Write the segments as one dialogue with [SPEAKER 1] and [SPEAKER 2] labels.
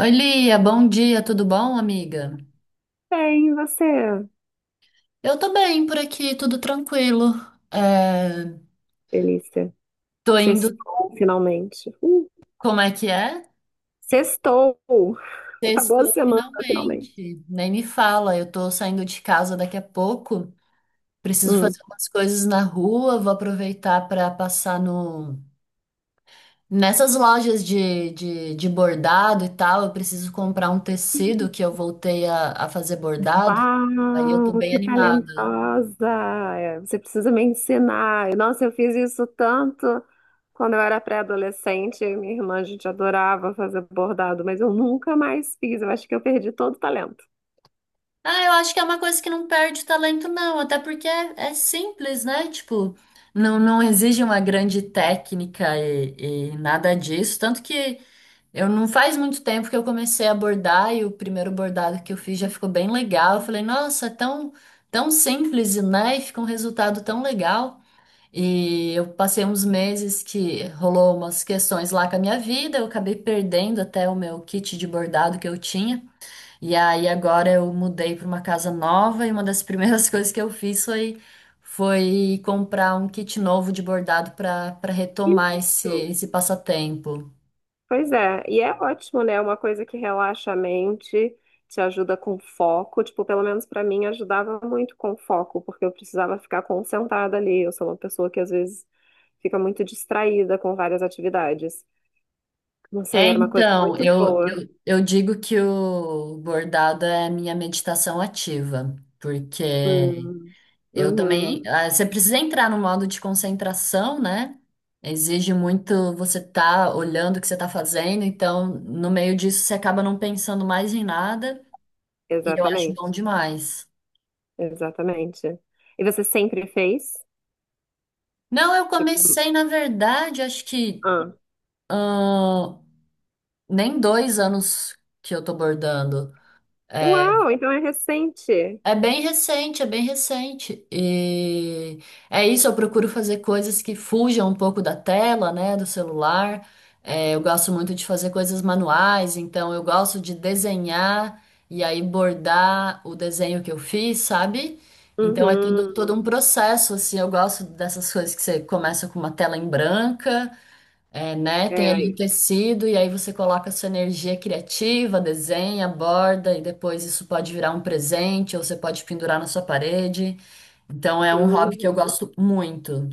[SPEAKER 1] Oi, Lia, bom dia, tudo bom, amiga?
[SPEAKER 2] Bem, e você,
[SPEAKER 1] Eu tô bem por aqui, tudo tranquilo. É,
[SPEAKER 2] Felícia?
[SPEAKER 1] tô indo,
[SPEAKER 2] Sextou, finalmente.
[SPEAKER 1] como é que é?
[SPEAKER 2] Sextou! Acabou a
[SPEAKER 1] Sextou
[SPEAKER 2] semana, finalmente.
[SPEAKER 1] finalmente. Nem me fala, eu tô saindo de casa daqui a pouco. Preciso
[SPEAKER 2] Hum.
[SPEAKER 1] fazer umas coisas na rua, vou aproveitar para passar no nessas lojas de bordado e tal. Eu preciso comprar um tecido que eu voltei a fazer bordado. Aí eu tô
[SPEAKER 2] Uau,
[SPEAKER 1] bem
[SPEAKER 2] que
[SPEAKER 1] animada.
[SPEAKER 2] talentosa! É, você precisa me ensinar. Nossa, eu fiz isso tanto quando eu era pré-adolescente. Eu e minha irmã, a gente adorava fazer bordado, mas eu nunca mais fiz. Eu acho que eu perdi todo o talento.
[SPEAKER 1] Ah, eu acho que é uma coisa que não perde talento, não, até porque é simples, né? Tipo, não exige uma grande técnica e nada disso. Tanto que eu não faz muito tempo que eu comecei a bordar e o primeiro bordado que eu fiz já ficou bem legal. Eu falei, nossa, é tão, tão simples, né? E fica um resultado tão legal. E eu passei uns meses que rolou umas questões lá com a minha vida, eu acabei perdendo até o meu kit de bordado que eu tinha. E aí agora eu mudei para uma casa nova e uma das primeiras coisas que eu fiz foi, foi comprar um kit novo de bordado para retomar esse,
[SPEAKER 2] Isso!
[SPEAKER 1] esse passatempo.
[SPEAKER 2] Pois é, e é ótimo, né? É uma coisa que relaxa a mente, te ajuda com foco. Tipo, pelo menos pra mim ajudava muito com foco, porque eu precisava ficar concentrada ali. Eu sou uma pessoa que às vezes fica muito distraída com várias atividades. Não sei,
[SPEAKER 1] É,
[SPEAKER 2] era uma coisa
[SPEAKER 1] então,
[SPEAKER 2] muito
[SPEAKER 1] eu,
[SPEAKER 2] boa.
[SPEAKER 1] eu, eu digo que o bordado é a minha meditação ativa, porque
[SPEAKER 2] Hum,
[SPEAKER 1] eu também.
[SPEAKER 2] uhum,
[SPEAKER 1] Você precisa entrar no modo de concentração, né? Exige muito você estar olhando o que você está fazendo, então, no meio disso, você acaba não pensando mais em nada. Eu acho bom
[SPEAKER 2] exatamente,
[SPEAKER 1] demais.
[SPEAKER 2] exatamente. E você sempre fez?
[SPEAKER 1] Não, eu
[SPEAKER 2] Tipo,
[SPEAKER 1] comecei, na verdade, acho que
[SPEAKER 2] ah,
[SPEAKER 1] ahn, nem 2 anos que eu tô bordando. É,
[SPEAKER 2] uau, então é recente.
[SPEAKER 1] é bem recente, é bem recente. E é isso, eu procuro fazer coisas que fujam um pouco da tela, né, do celular. É, eu gosto muito de fazer coisas manuais, então eu gosto de desenhar e aí bordar o desenho que eu fiz, sabe? Então é tudo, todo um
[SPEAKER 2] Uhum,
[SPEAKER 1] processo, assim, eu gosto dessas coisas que você começa com uma tela em branca é, né? Tem
[SPEAKER 2] é
[SPEAKER 1] ali o
[SPEAKER 2] aí.
[SPEAKER 1] tecido e aí você coloca a sua energia criativa, desenha, borda e depois isso pode virar um presente ou você pode pendurar na sua parede. Então é um hobby que eu
[SPEAKER 2] Uhum.
[SPEAKER 1] gosto muito.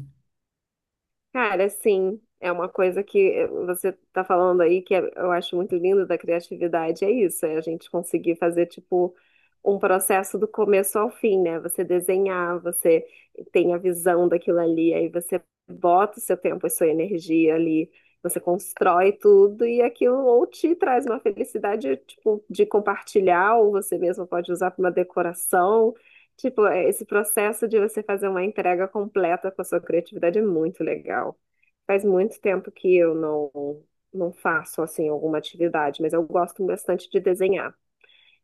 [SPEAKER 2] Cara, sim, é uma coisa que você está falando aí que é, eu acho muito lindo da criatividade, é isso, é a gente conseguir fazer tipo um processo do começo ao fim, né? Você desenhar, você tem a visão daquilo ali, aí você bota o seu tempo e sua energia ali, você constrói tudo e aquilo ou te traz uma felicidade tipo de compartilhar, ou você mesmo pode usar para uma decoração. Tipo, é, esse processo de você fazer uma entrega completa com a sua criatividade é muito legal. Faz muito tempo que eu não, não faço, assim, alguma atividade, mas eu gosto bastante de desenhar.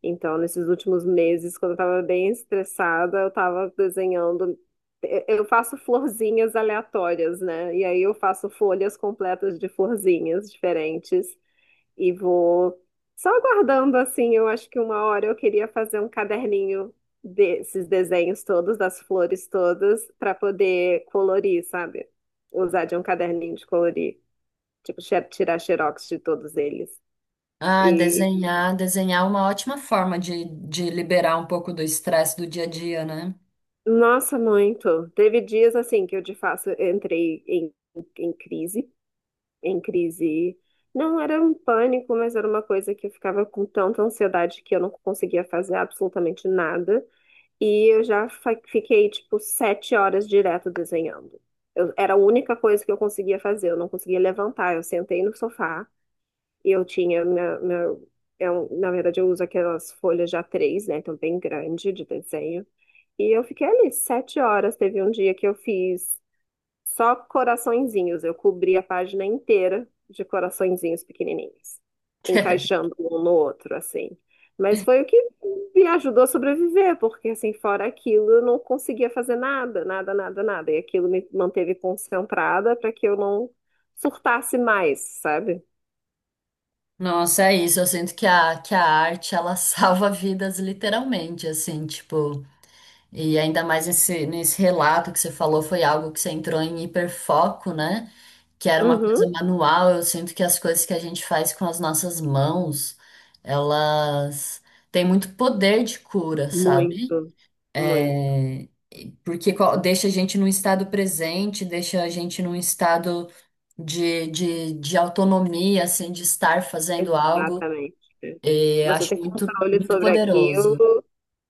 [SPEAKER 2] Então, nesses últimos meses, quando eu estava bem estressada, eu estava desenhando. Eu faço florzinhas aleatórias, né? E aí eu faço folhas completas de florzinhas diferentes e vou só aguardando assim, eu acho que uma hora eu queria fazer um caderninho desses desenhos todos, das flores todas, para poder colorir, sabe? Usar de um caderninho de colorir, tipo tirar xerox de todos eles.
[SPEAKER 1] Ah,
[SPEAKER 2] E
[SPEAKER 1] desenhar, desenhar é uma ótima forma de liberar um pouco do estresse do dia a dia, né?
[SPEAKER 2] nossa, muito. Teve dias assim que eu de fato entrei em, em crise, em crise. Não era um pânico, mas era uma coisa que eu ficava com tanta ansiedade que eu não conseguia fazer absolutamente nada. E eu já fiquei, tipo, sete horas direto desenhando. Eu, era a única coisa que eu conseguia fazer, eu não conseguia levantar. Eu sentei no sofá e eu tinha minha, meu, eu, na verdade, eu uso aquelas folhas de A3, né? Então, bem grande de desenho. E eu fiquei ali sete horas. Teve um dia que eu fiz. Só coraçõezinhos. Eu cobri a página inteira de coraçõezinhos pequenininhos, encaixando um no outro, assim. Mas foi o que me ajudou a sobreviver, porque assim, fora aquilo, eu não conseguia fazer nada, nada, nada, nada. E aquilo me manteve concentrada para que eu não surtasse mais, sabe?
[SPEAKER 1] Nossa, é isso. Eu sinto que a arte, ela salva vidas literalmente, assim, tipo. E ainda mais nesse, nesse relato que você falou, foi algo que você entrou em hiperfoco, né? Que era uma
[SPEAKER 2] Uhum.
[SPEAKER 1] coisa manual. Eu sinto que as coisas que a gente faz com as nossas mãos, elas têm muito poder de cura, sabe?
[SPEAKER 2] Muito, muito.
[SPEAKER 1] É, porque co- deixa a gente num estado presente, deixa a gente num estado de autonomia, assim, de estar fazendo algo.
[SPEAKER 2] Exatamente.
[SPEAKER 1] E eu
[SPEAKER 2] Você
[SPEAKER 1] acho
[SPEAKER 2] tem
[SPEAKER 1] muito,
[SPEAKER 2] controle
[SPEAKER 1] muito
[SPEAKER 2] sobre aquilo.
[SPEAKER 1] poderoso.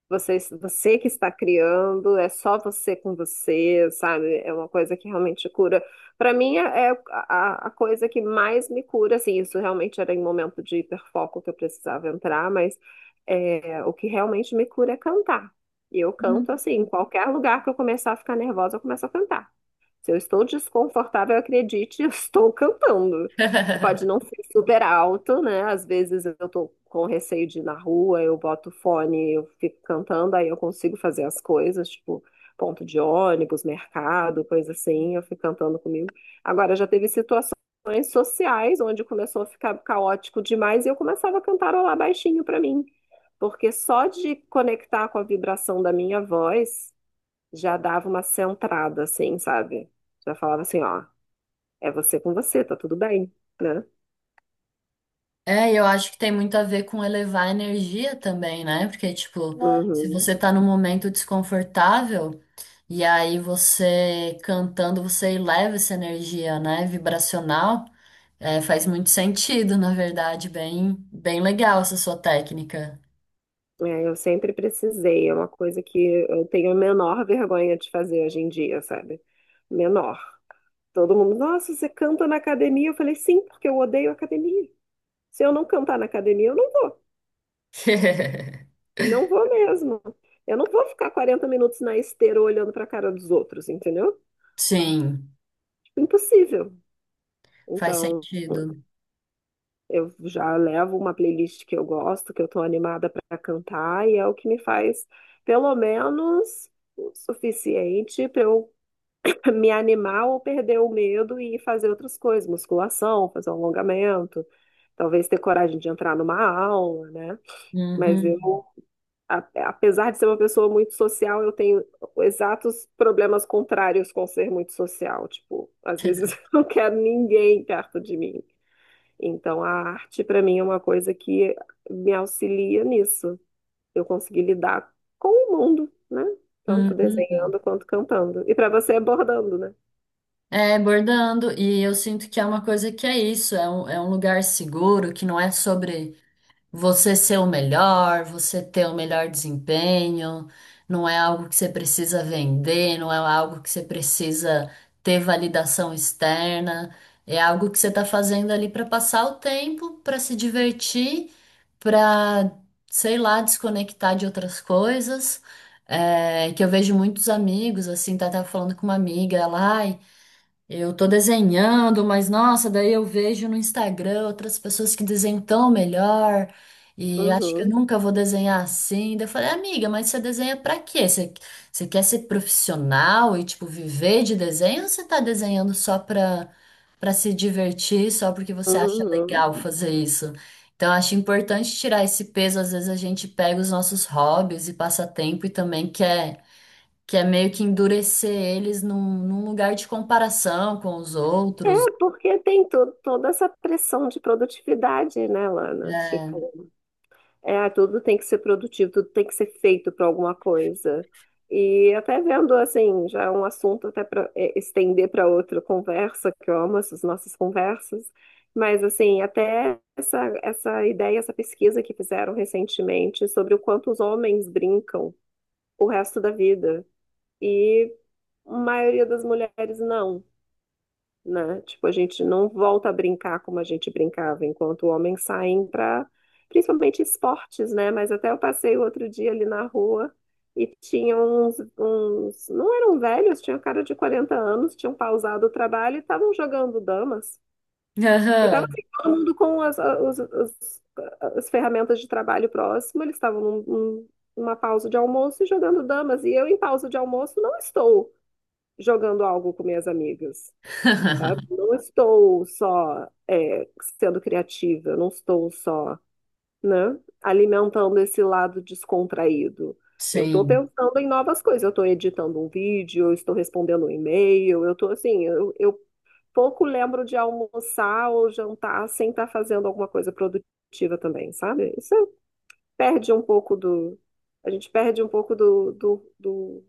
[SPEAKER 2] Você, você que está criando, é só você com você, sabe? É uma coisa que realmente cura. Para mim, é a coisa que mais me cura, assim, isso realmente era em momento de hiperfoco que eu precisava entrar, mas é, o que realmente me cura é cantar. E eu canto,
[SPEAKER 1] Hum.
[SPEAKER 2] assim, em qualquer lugar que eu começar a ficar nervosa, eu começo a cantar. Se eu estou desconfortável, acredite, eu estou cantando. Pode não ser super alto, né? Às vezes eu estou com receio de ir na rua, eu boto fone, eu fico cantando, aí eu consigo fazer as coisas, tipo ponto de ônibus, mercado, coisa assim, eu fico cantando comigo. Agora, já teve situações sociais onde começou a ficar caótico demais e eu começava a cantarolar baixinho para mim, porque só de conectar com a vibração da minha voz já dava uma centrada, assim, sabe? Já falava assim, ó, é você com você, tá tudo bem, né?
[SPEAKER 1] É, e eu acho que tem muito a ver com elevar a energia também, né? Porque, tipo, é. Se
[SPEAKER 2] Uhum.
[SPEAKER 1] você tá num momento desconfortável, e aí você cantando, você eleva essa energia, né? Vibracional, é, faz muito sentido, na verdade. Bem, bem legal essa sua técnica.
[SPEAKER 2] É, eu sempre precisei, é uma coisa que eu tenho a menor vergonha de fazer hoje em dia, sabe? Menor. Todo mundo, nossa, você canta na academia? Eu falei, sim, porque eu odeio academia. Se eu não cantar na academia, eu não vou. Não vou mesmo. Eu não vou ficar 40 minutos na esteira olhando pra cara dos outros, entendeu?
[SPEAKER 1] Sim,
[SPEAKER 2] Tipo, impossível.
[SPEAKER 1] faz
[SPEAKER 2] Então,
[SPEAKER 1] sentido.
[SPEAKER 2] eu já levo uma playlist que eu gosto, que eu tô animada para cantar, e é o que me faz, pelo menos, o suficiente para eu me animar ou perder o medo e fazer outras coisas, musculação, fazer um alongamento, talvez ter coragem de entrar numa aula, né? Mas eu,
[SPEAKER 1] Uhum,
[SPEAKER 2] apesar de ser uma pessoa muito social, eu tenho exatos problemas contrários com ser muito social. Tipo, às vezes eu não quero ninguém perto de mim. Então, a arte, para mim, é uma coisa que me auxilia nisso. Eu consegui lidar com o mundo, né? Tanto
[SPEAKER 1] uhum.
[SPEAKER 2] desenhando quanto cantando. E para você é bordando, né?
[SPEAKER 1] É, bordando, e eu sinto que é uma coisa que é isso, é um lugar seguro, que não é sobre. Você ser o melhor, você ter o melhor desempenho, não é algo que você precisa vender, não é algo que você precisa ter validação externa, é algo que você está fazendo ali para passar o tempo, para se divertir, para, sei lá, desconectar de outras coisas. É, que eu vejo muitos amigos, assim, tá, tava falando com uma amiga, ela, ai. Eu tô desenhando, mas nossa, daí eu vejo no Instagram outras pessoas que desenham tão melhor e acho que eu
[SPEAKER 2] Uhum,
[SPEAKER 1] nunca vou desenhar assim. Daí eu falei, amiga, mas você desenha pra quê? Você, você quer ser profissional e, tipo, viver de desenho ou você tá desenhando só pra, pra se divertir, só porque você acha
[SPEAKER 2] uhum.
[SPEAKER 1] legal fazer isso? Então, acho importante tirar esse peso. Às vezes a gente pega os nossos hobbies e passatempo e também quer que é meio que endurecer eles num, num lugar de comparação com os
[SPEAKER 2] É,
[SPEAKER 1] outros.
[SPEAKER 2] porque tem to toda essa pressão de produtividade, né, Lana?
[SPEAKER 1] É.
[SPEAKER 2] Tipo, é, tudo tem que ser produtivo, tudo tem que ser feito para alguma coisa. E até vendo, assim, já é um assunto até para estender para outra conversa, que eu amo essas nossas conversas, mas, assim, até essa, essa ideia, essa pesquisa que fizeram recentemente sobre o quanto os homens brincam o resto da vida. E a maioria das mulheres não, né? Tipo, a gente não volta a brincar como a gente brincava, enquanto homens saem para, principalmente esportes, né? Mas até eu passei o outro dia ali na rua e tinha uns, não eram velhos, tinha cara de 40 anos, tinham pausado o trabalho e estavam jogando damas. E estava
[SPEAKER 1] Aham.
[SPEAKER 2] assim, todo mundo com as, as ferramentas de trabalho próximo, eles estavam numa pausa de almoço e jogando damas. E eu, em pausa de almoço, não estou jogando algo com minhas amigas, sabe? Não estou só é, sendo criativa, eu não estou só, né, alimentando esse lado descontraído. Eu estou
[SPEAKER 1] Sim,
[SPEAKER 2] pensando em novas coisas, eu estou editando um vídeo, eu estou respondendo um e-mail, eu estou assim, eu pouco lembro de almoçar ou jantar sem estar fazendo alguma coisa produtiva também, sabe? Isso perde um pouco do, a gente perde um pouco do, do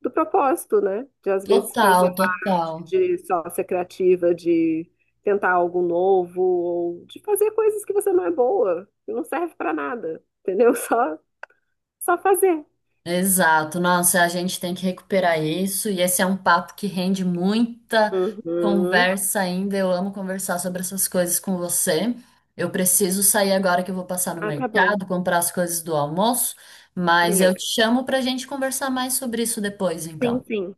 [SPEAKER 2] do propósito, né? De às vezes fazer
[SPEAKER 1] total, total.
[SPEAKER 2] de sócia criativa, de tentar algo novo, ou de fazer coisas que você não é boa, que não serve pra nada, entendeu? Só, só fazer.
[SPEAKER 1] Exato. Nossa, a gente tem que recuperar isso e esse é um papo que rende muita
[SPEAKER 2] Uhum.
[SPEAKER 1] conversa ainda. Eu amo conversar sobre essas coisas com você. Eu preciso sair agora que eu vou passar no
[SPEAKER 2] Ah, tá bom.
[SPEAKER 1] mercado, comprar as coisas do almoço, mas eu
[SPEAKER 2] Beleza.
[SPEAKER 1] te chamo para a gente conversar mais sobre isso depois,
[SPEAKER 2] Sim,
[SPEAKER 1] então.
[SPEAKER 2] sim.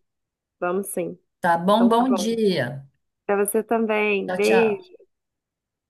[SPEAKER 2] Vamos sim.
[SPEAKER 1] Tá bom?
[SPEAKER 2] Então tá
[SPEAKER 1] Bom
[SPEAKER 2] bom.
[SPEAKER 1] dia.
[SPEAKER 2] Pra você também.
[SPEAKER 1] Tchau, tchau.
[SPEAKER 2] Beijo.